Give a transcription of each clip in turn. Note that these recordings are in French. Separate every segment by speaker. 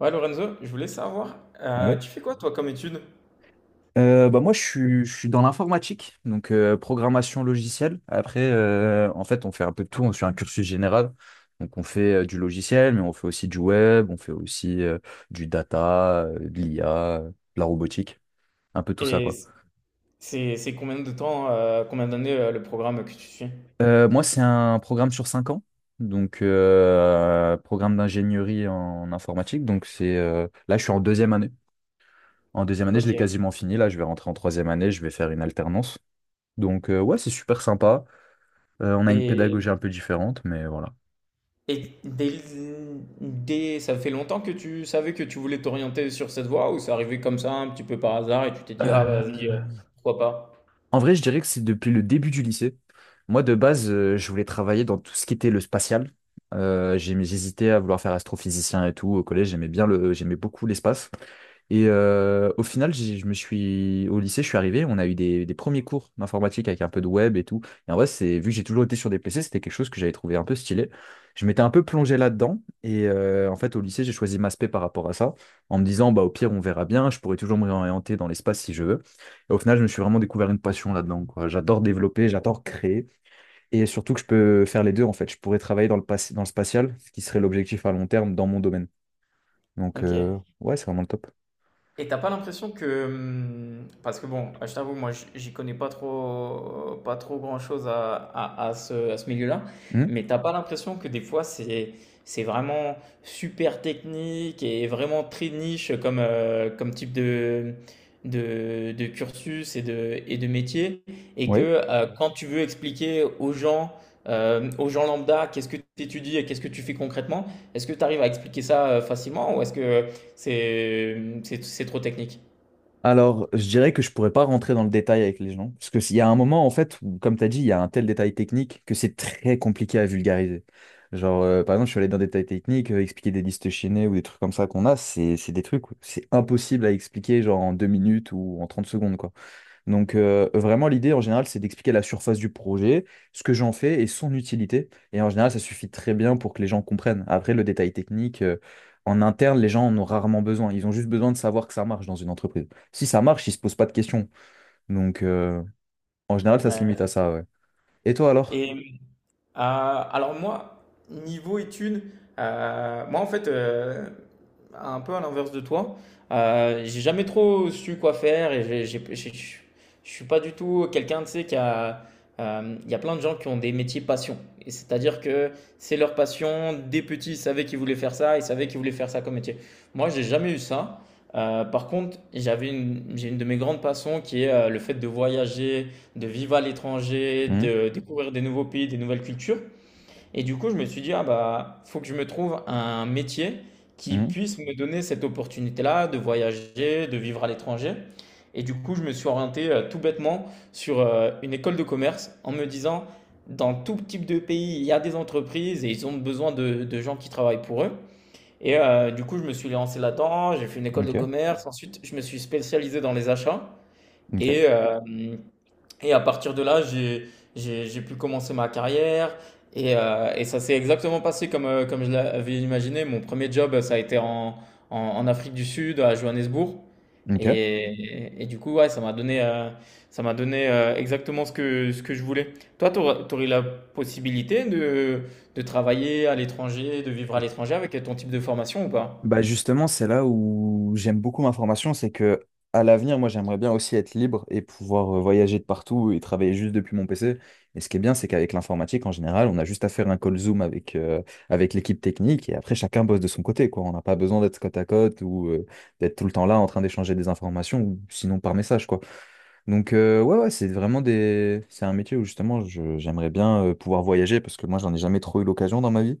Speaker 1: Ouais, Lorenzo, je voulais savoir,
Speaker 2: Ouais.
Speaker 1: tu fais quoi toi comme étude?
Speaker 2: Bah moi, je suis dans l'informatique, donc programmation logicielle. Après, en fait, on fait un peu de tout. On suit un cursus général. Donc, on fait du logiciel, mais on fait aussi du web, on fait aussi du data, de l'IA, de la robotique, un peu tout ça,
Speaker 1: Et
Speaker 2: quoi.
Speaker 1: c'est combien de temps, combien d'années le programme que tu suis?
Speaker 2: Moi, c'est un programme sur 5 ans. Donc, programme d'ingénierie en informatique. Donc, c'est là, je suis en deuxième année. En deuxième année, je
Speaker 1: Ok.
Speaker 2: l'ai quasiment fini. Là, je vais rentrer en troisième année. Je vais faire une alternance. Donc, ouais, c'est super sympa. On a une pédagogie un
Speaker 1: Et,
Speaker 2: peu différente, mais voilà.
Speaker 1: et dès, Ça fait longtemps que tu savais que tu voulais t'orienter sur cette voie ou c'est arrivé comme ça un petit peu par hasard et tu t'es dit, ah vas-y,
Speaker 2: Euh,
Speaker 1: pourquoi pas?
Speaker 2: En vrai, je dirais que c'est depuis le début du lycée. Moi, de base, je voulais travailler dans tout ce qui était le spatial. J'hésitais à vouloir faire astrophysicien et tout. Au collège, j'aimais beaucoup l'espace. Et au final, je me suis au lycée, je suis arrivé, on a eu des premiers cours d'informatique avec un peu de web et tout. Et en vrai, c'est vu que j'ai toujours été sur des PC, c'était quelque chose que j'avais trouvé un peu stylé. Je m'étais un peu plongé là-dedans et en fait, au lycée, j'ai choisi ma spé par rapport à ça, en me disant bah au pire, on verra bien, je pourrais toujours me réorienter dans l'espace si je veux. Et au final, je me suis vraiment découvert une passion là-dedans, quoi. J'adore développer, j'adore créer. Et surtout que je peux faire les deux, en fait. Je pourrais travailler dans le, pas- dans le spatial, ce qui serait l'objectif à long terme dans mon domaine. Donc,
Speaker 1: Ok.
Speaker 2: ouais, c'est vraiment le top.
Speaker 1: Et t'as pas l'impression que, parce que bon, je t'avoue, moi, j'y connais pas trop, pas trop grand-chose à ce milieu-là,
Speaker 2: Hmm.
Speaker 1: mais t'as pas l'impression que des fois, c'est vraiment super technique et vraiment très niche comme, comme type de cursus et de métier, et que
Speaker 2: Ouais.
Speaker 1: quand tu veux expliquer aux gens lambda, qu'est-ce que tu étudies et qu'est-ce que tu fais concrètement, est-ce que tu arrives à expliquer ça facilement ou est-ce que c'est trop technique.
Speaker 2: Alors, je dirais que je pourrais pas rentrer dans le détail avec les gens. Parce que s'il y a un moment, en fait, où, comme tu as dit, il y a un tel détail technique que c'est très compliqué à vulgariser. Genre, par exemple, je suis allé dans des détails techniques, expliquer des listes chaînées ou des trucs comme ça qu'on a, c'est des trucs, où c'est impossible à expliquer genre en 2 minutes ou en 30 secondes, quoi. Donc, vraiment, l'idée en général, c'est d'expliquer la surface du projet, ce que j'en fais et son utilité. Et en général, ça suffit très bien pour que les gens comprennent. Après, le détail technique, en interne, les gens en ont rarement besoin. Ils ont juste besoin de savoir que ça marche dans une entreprise. Si ça marche, ils se posent pas de questions. Donc, en général, ça se limite à
Speaker 1: Ouais.
Speaker 2: ça, ouais. Et toi alors?
Speaker 1: Et alors moi, niveau études, moi en fait, un peu à l'inverse de toi, j'ai jamais trop su quoi faire et je suis pas du tout quelqu'un, tu sais, qui a... Il y a plein de gens qui ont des métiers passion. Et c'est-à-dire que c'est leur passion. Des petits, ils savaient qu'ils voulaient faire ça, ils savaient qu'ils voulaient faire ça comme métier. Moi, j'ai jamais eu ça. Par contre, j'ai une de mes grandes passions qui est le fait de voyager, de vivre à l'étranger,
Speaker 2: Hum.
Speaker 1: de découvrir des nouveaux pays, des nouvelles cultures. Et du coup, je me suis dit, ah bah, faut que je me trouve un métier qui
Speaker 2: Hum.
Speaker 1: puisse me donner cette opportunité-là de voyager, de vivre à l'étranger. Et du coup, je me suis orienté tout bêtement sur une école de commerce en me disant, dans tout type de pays, il y a des entreprises et ils ont besoin de gens qui travaillent pour eux. Et du coup, je me suis lancé là-dedans, j'ai fait une école de
Speaker 2: Ok,
Speaker 1: commerce, ensuite je me suis spécialisé dans les achats.
Speaker 2: ok,
Speaker 1: Et euh, et à partir de là, j'ai pu commencer ma carrière. Et ça s'est exactement passé comme, comme je l'avais imaginé. Mon premier job, ça a été en Afrique du Sud, à Johannesburg.
Speaker 2: ok.
Speaker 1: Et du coup, ouais, ça m'a donné exactement ce que je voulais. Toi, tu aurais, la possibilité de travailler à l'étranger, de vivre à l'étranger avec ton type de formation ou pas?
Speaker 2: Bah justement, c'est là où j'aime beaucoup ma formation, c'est que à l'avenir, moi j'aimerais bien aussi être libre et pouvoir voyager de partout et travailler juste depuis mon PC. Et ce qui est bien, c'est qu'avec l'informatique, en général, on a juste à faire un call Zoom avec l'équipe technique et après chacun bosse de son côté, quoi. On n'a pas besoin d'être côte à côte ou d'être tout le temps là en train d'échanger des informations ou sinon par message, quoi. Donc ouais, ouais, c'est un métier où justement j'aimerais bien pouvoir voyager parce que moi j'en ai jamais trop eu l'occasion dans ma vie.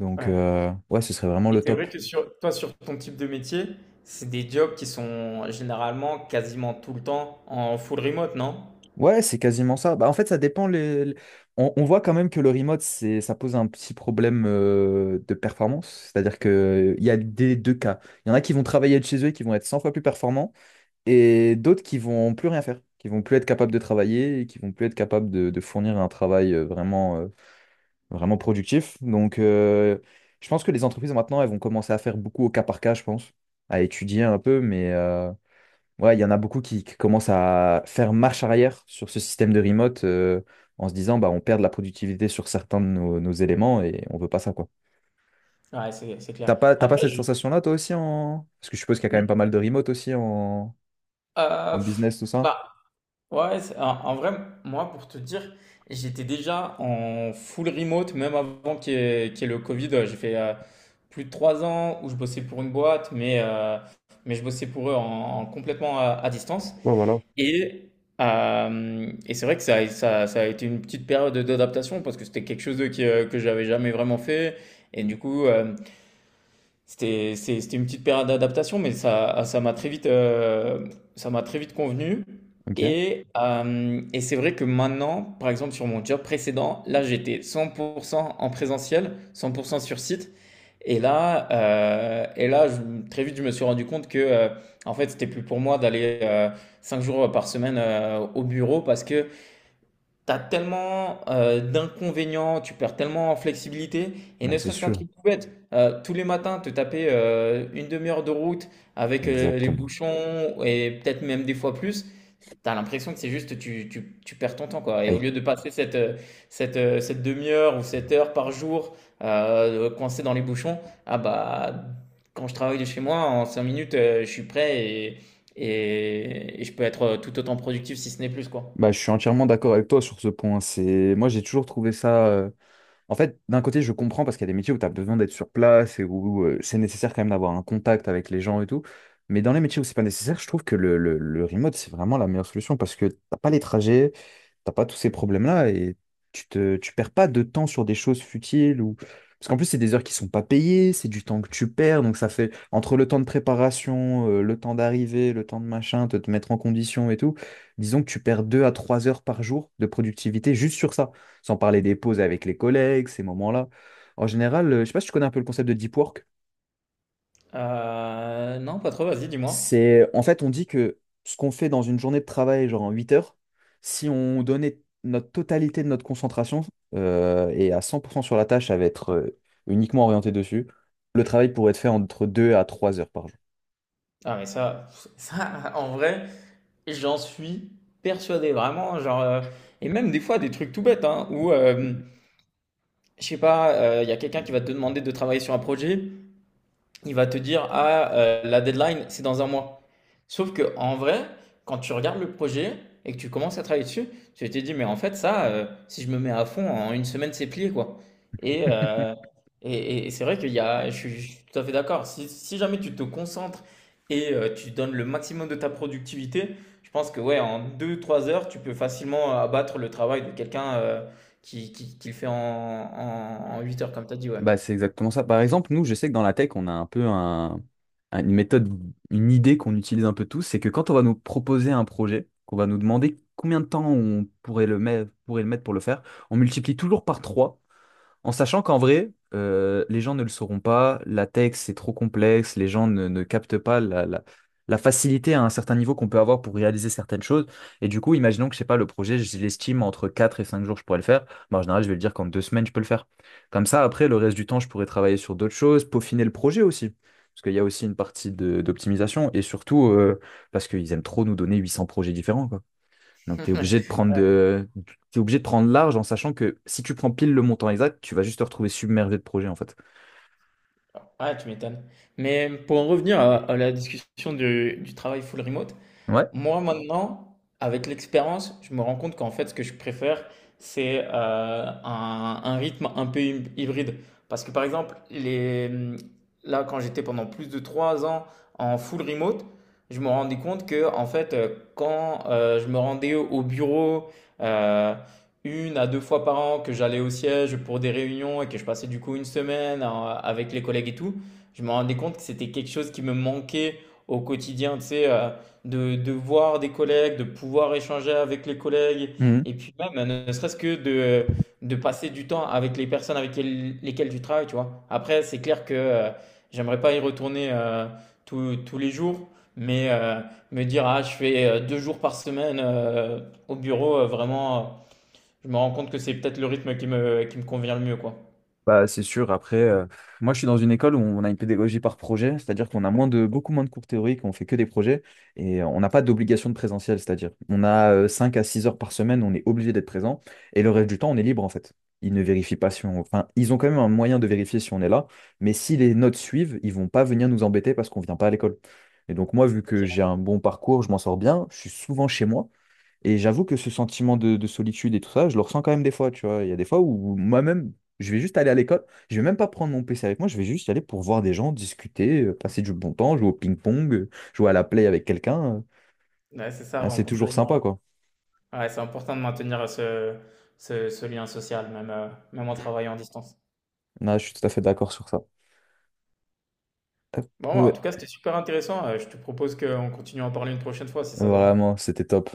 Speaker 2: Donc
Speaker 1: Ouais.
Speaker 2: ouais, ce serait vraiment
Speaker 1: Et
Speaker 2: le
Speaker 1: c'est
Speaker 2: top.
Speaker 1: vrai que sur toi, sur ton type de métier, c'est des jobs qui sont généralement quasiment tout le temps en full remote, non?
Speaker 2: Ouais, c'est quasiment ça. Bah, en fait, ça dépend. On voit quand même que le remote, ça pose un petit problème de performance. C'est-à-dire qu'il y a des deux cas. Il y en a qui vont travailler de chez eux et qui vont être 100 fois plus performants, et d'autres qui vont plus rien faire, qui vont plus être capables de travailler et qui vont plus être capables de fournir un travail vraiment, vraiment productif. Donc, je pense que les entreprises maintenant, elles vont commencer à faire beaucoup au cas par cas, je pense, à étudier un peu, ouais, il y en a beaucoup qui commencent à faire marche arrière sur ce système de remote en se disant bah on perd de la productivité sur certains de nos éléments et on veut pas ça quoi.
Speaker 1: Ouais, c'est clair.
Speaker 2: T'as pas
Speaker 1: Après,
Speaker 2: cette
Speaker 1: je...
Speaker 2: sensation-là toi aussi en... Parce que je suppose qu'il y a quand même pas mal de remote aussi en,
Speaker 1: Euh,
Speaker 2: en
Speaker 1: pff,
Speaker 2: business, tout ça.
Speaker 1: bah, ouais, en, en vrai, moi, pour te dire, j'étais déjà en full remote, même avant qu'il y ait le Covid. Ouais, j'ai fait plus de trois ans où je bossais pour une boîte, mais je bossais pour eux en complètement à distance.
Speaker 2: Ouais, voilà.
Speaker 1: Et, et c'est vrai que ça a été une petite période d'adaptation parce que c'était quelque chose que j'avais jamais vraiment fait. Et du coup, c'était, c'était une petite période d'adaptation, mais ça m'a très vite, ça m'a très vite convenu.
Speaker 2: Ok.
Speaker 1: Et c'est vrai que maintenant, par exemple, sur mon job précédent, là, j'étais 100% en présentiel, 100% sur site. Et là, et très vite, je me suis rendu compte que, en fait, c'était plus pour moi d'aller cinq jours par semaine au bureau parce que t'as tellement, d'inconvénients, tu perds tellement en flexibilité et
Speaker 2: Bah,
Speaker 1: ne
Speaker 2: c'est
Speaker 1: serait-ce qu'un
Speaker 2: sûr.
Speaker 1: truc tout bête, tous les matins te taper, 1/2 heure de route avec, les
Speaker 2: Exactement.
Speaker 1: bouchons et peut-être même des fois plus, t'as l'impression que c'est juste tu perds ton temps, quoi et au
Speaker 2: Et-
Speaker 1: lieu de passer cette, cette demi heure ou cette heure par jour, coincé dans les bouchons, ah bah, quand je travaille de chez moi en 5 minutes, je suis prêt et et je peux être, tout autant productif si ce n'est plus, quoi.
Speaker 2: Bah, je suis entièrement d'accord avec toi sur ce point. Moi j'ai toujours trouvé ça. En fait, d'un côté, je comprends parce qu'il y a des métiers où tu as besoin d'être sur place et où c'est nécessaire quand même d'avoir un contact avec les gens et tout. Mais dans les métiers où c'est pas nécessaire, je trouve que le remote, c'est vraiment la meilleure solution parce que t'as pas les trajets, t'as pas tous ces problèmes-là et tu perds pas de temps sur des choses futiles ou... Parce qu'en plus, c'est des heures qui sont pas payées, c'est du temps que tu perds, donc ça fait entre le temps de préparation, le temps d'arrivée, le temps de machin, te mettre en condition et tout, disons que tu perds 2 à 3 heures par jour de productivité juste sur ça. Sans parler des pauses avec les collègues, ces moments-là. En général, je sais pas si tu connais un peu le concept de deep work.
Speaker 1: Non, pas trop, vas-y, dis-moi.
Speaker 2: En fait, on dit que ce qu'on fait dans une journée de travail, genre en 8 heures, si on donnait notre totalité de notre concentration et à 100% sur la tâche, ça va être uniquement orienté dessus, le travail pourrait être fait entre 2 à 3 heures par jour.
Speaker 1: Ah mais ça en vrai, j'en suis persuadé vraiment genre, et même des fois des trucs tout bêtes, hein, où, je sais pas, il y a quelqu'un qui va te demander de travailler sur un projet il va te dire, ah, la deadline, c'est dans un mois. Sauf que en vrai, quand tu regardes le projet et que tu commences à travailler dessus, tu te dis, mais en fait, ça, si je me mets à fond, en une semaine, c'est plié, quoi. Et, euh, et, et c'est vrai qu'il y a, je suis tout à fait d'accord. Si jamais tu te concentres et tu donnes le maximum de ta productivité, je pense que, ouais, en deux trois heures, tu peux facilement abattre le travail de quelqu'un qui le fait en 8 heures, comme tu as dit, ouais.
Speaker 2: Bah, c'est exactement ça. Par exemple, nous, je sais que dans la tech, on a un peu une méthode, une idée qu'on utilise un peu tous, c'est que quand on va nous proposer un projet, qu'on va nous demander combien de temps on pourrait le mettre pour le faire, on multiplie toujours par 3 en sachant qu'en vrai, les gens ne le sauront pas, la tech, c'est trop complexe, les gens ne captent pas la facilité à un certain niveau qu'on peut avoir pour réaliser certaines choses. Et du coup, imaginons que, je sais pas, le projet, je l'estime entre 4 et 5 jours, je pourrais le faire. Bah, en général, je vais le dire qu'en 2 semaines, je peux le faire. Comme ça, après, le reste du temps, je pourrais travailler sur d'autres choses, peaufiner le projet aussi. Parce qu'il y a aussi une partie d'optimisation et surtout parce qu'ils aiment trop nous donner 800 projets différents, quoi. Donc, tu es obligé de prendre de... T'es obligé de prendre large en sachant que si tu prends pile le montant exact, tu vas juste te retrouver submergé de projets, en fait.
Speaker 1: Ah, tu m'étonnes. Mais pour en revenir à la discussion du travail full remote,
Speaker 2: Ouais.
Speaker 1: moi, maintenant, avec l'expérience, je me rends compte qu'en fait, ce que je préfère, c'est un rythme un peu hybride. Parce que par exemple, là, quand j'étais pendant plus de trois ans en full remote, je me rendais compte que, en fait, quand je me rendais au bureau euh, une à deux fois par an, que j'allais au siège pour des réunions et que je passais du coup une semaine avec les collègues et tout, je me rendais compte que c'était quelque chose qui me manquait au quotidien, tu sais. De voir des collègues, de pouvoir échanger avec les collègues,
Speaker 2: Mhm.
Speaker 1: et puis même, ne serait-ce que de passer du temps avec les personnes avec lesquelles tu travailles, tu vois. Après, c'est clair que j'aimerais pas y retourner tous les jours, mais me dire, ah, je fais deux jours par semaine au bureau, vraiment, je me rends compte que c'est peut-être le rythme qui me convient le mieux, quoi.
Speaker 2: Bah, c'est sûr. Après, moi, je suis dans une école où on a une pédagogie par projet, c'est-à-dire qu'on a beaucoup moins de cours théoriques, on fait que des projets et on n'a pas d'obligation de présentiel, c'est-à-dire on a 5 à six heures par semaine, on est obligé d'être présent et le reste du temps, on est libre en fait. Ils ne vérifient pas si on... Enfin, ils ont quand même un moyen de vérifier si on est là, mais si les notes suivent, ils vont pas venir nous embêter parce qu'on vient pas à l'école. Et donc moi, vu que
Speaker 1: Ok,
Speaker 2: j'ai un bon parcours, je m'en sors bien, je suis souvent chez moi. Et j'avoue que ce sentiment de solitude et tout ça, je le ressens quand même des fois, tu vois. Il y a des fois où moi-même, je vais juste aller à l'école, je vais même pas prendre mon PC avec moi, je vais juste y aller pour voir des gens, discuter, passer du bon temps, jouer au ping-pong, jouer à la play avec quelqu'un.
Speaker 1: ouais, c'est ça,
Speaker 2: Ah, c'est
Speaker 1: rencontrer
Speaker 2: toujours
Speaker 1: des gens.
Speaker 2: sympa,
Speaker 1: Ouais,
Speaker 2: quoi.
Speaker 1: ouais, c'est important de maintenir ce, ce lien social, même, même en travaillant en distance.
Speaker 2: Ah, je suis tout à fait d'accord sur ça. Hop,
Speaker 1: Bon,
Speaker 2: euh,
Speaker 1: en tout cas, c'était super intéressant. Je te propose qu'on continue à en parler une prochaine fois, si ça te va.
Speaker 2: vraiment, c'était top.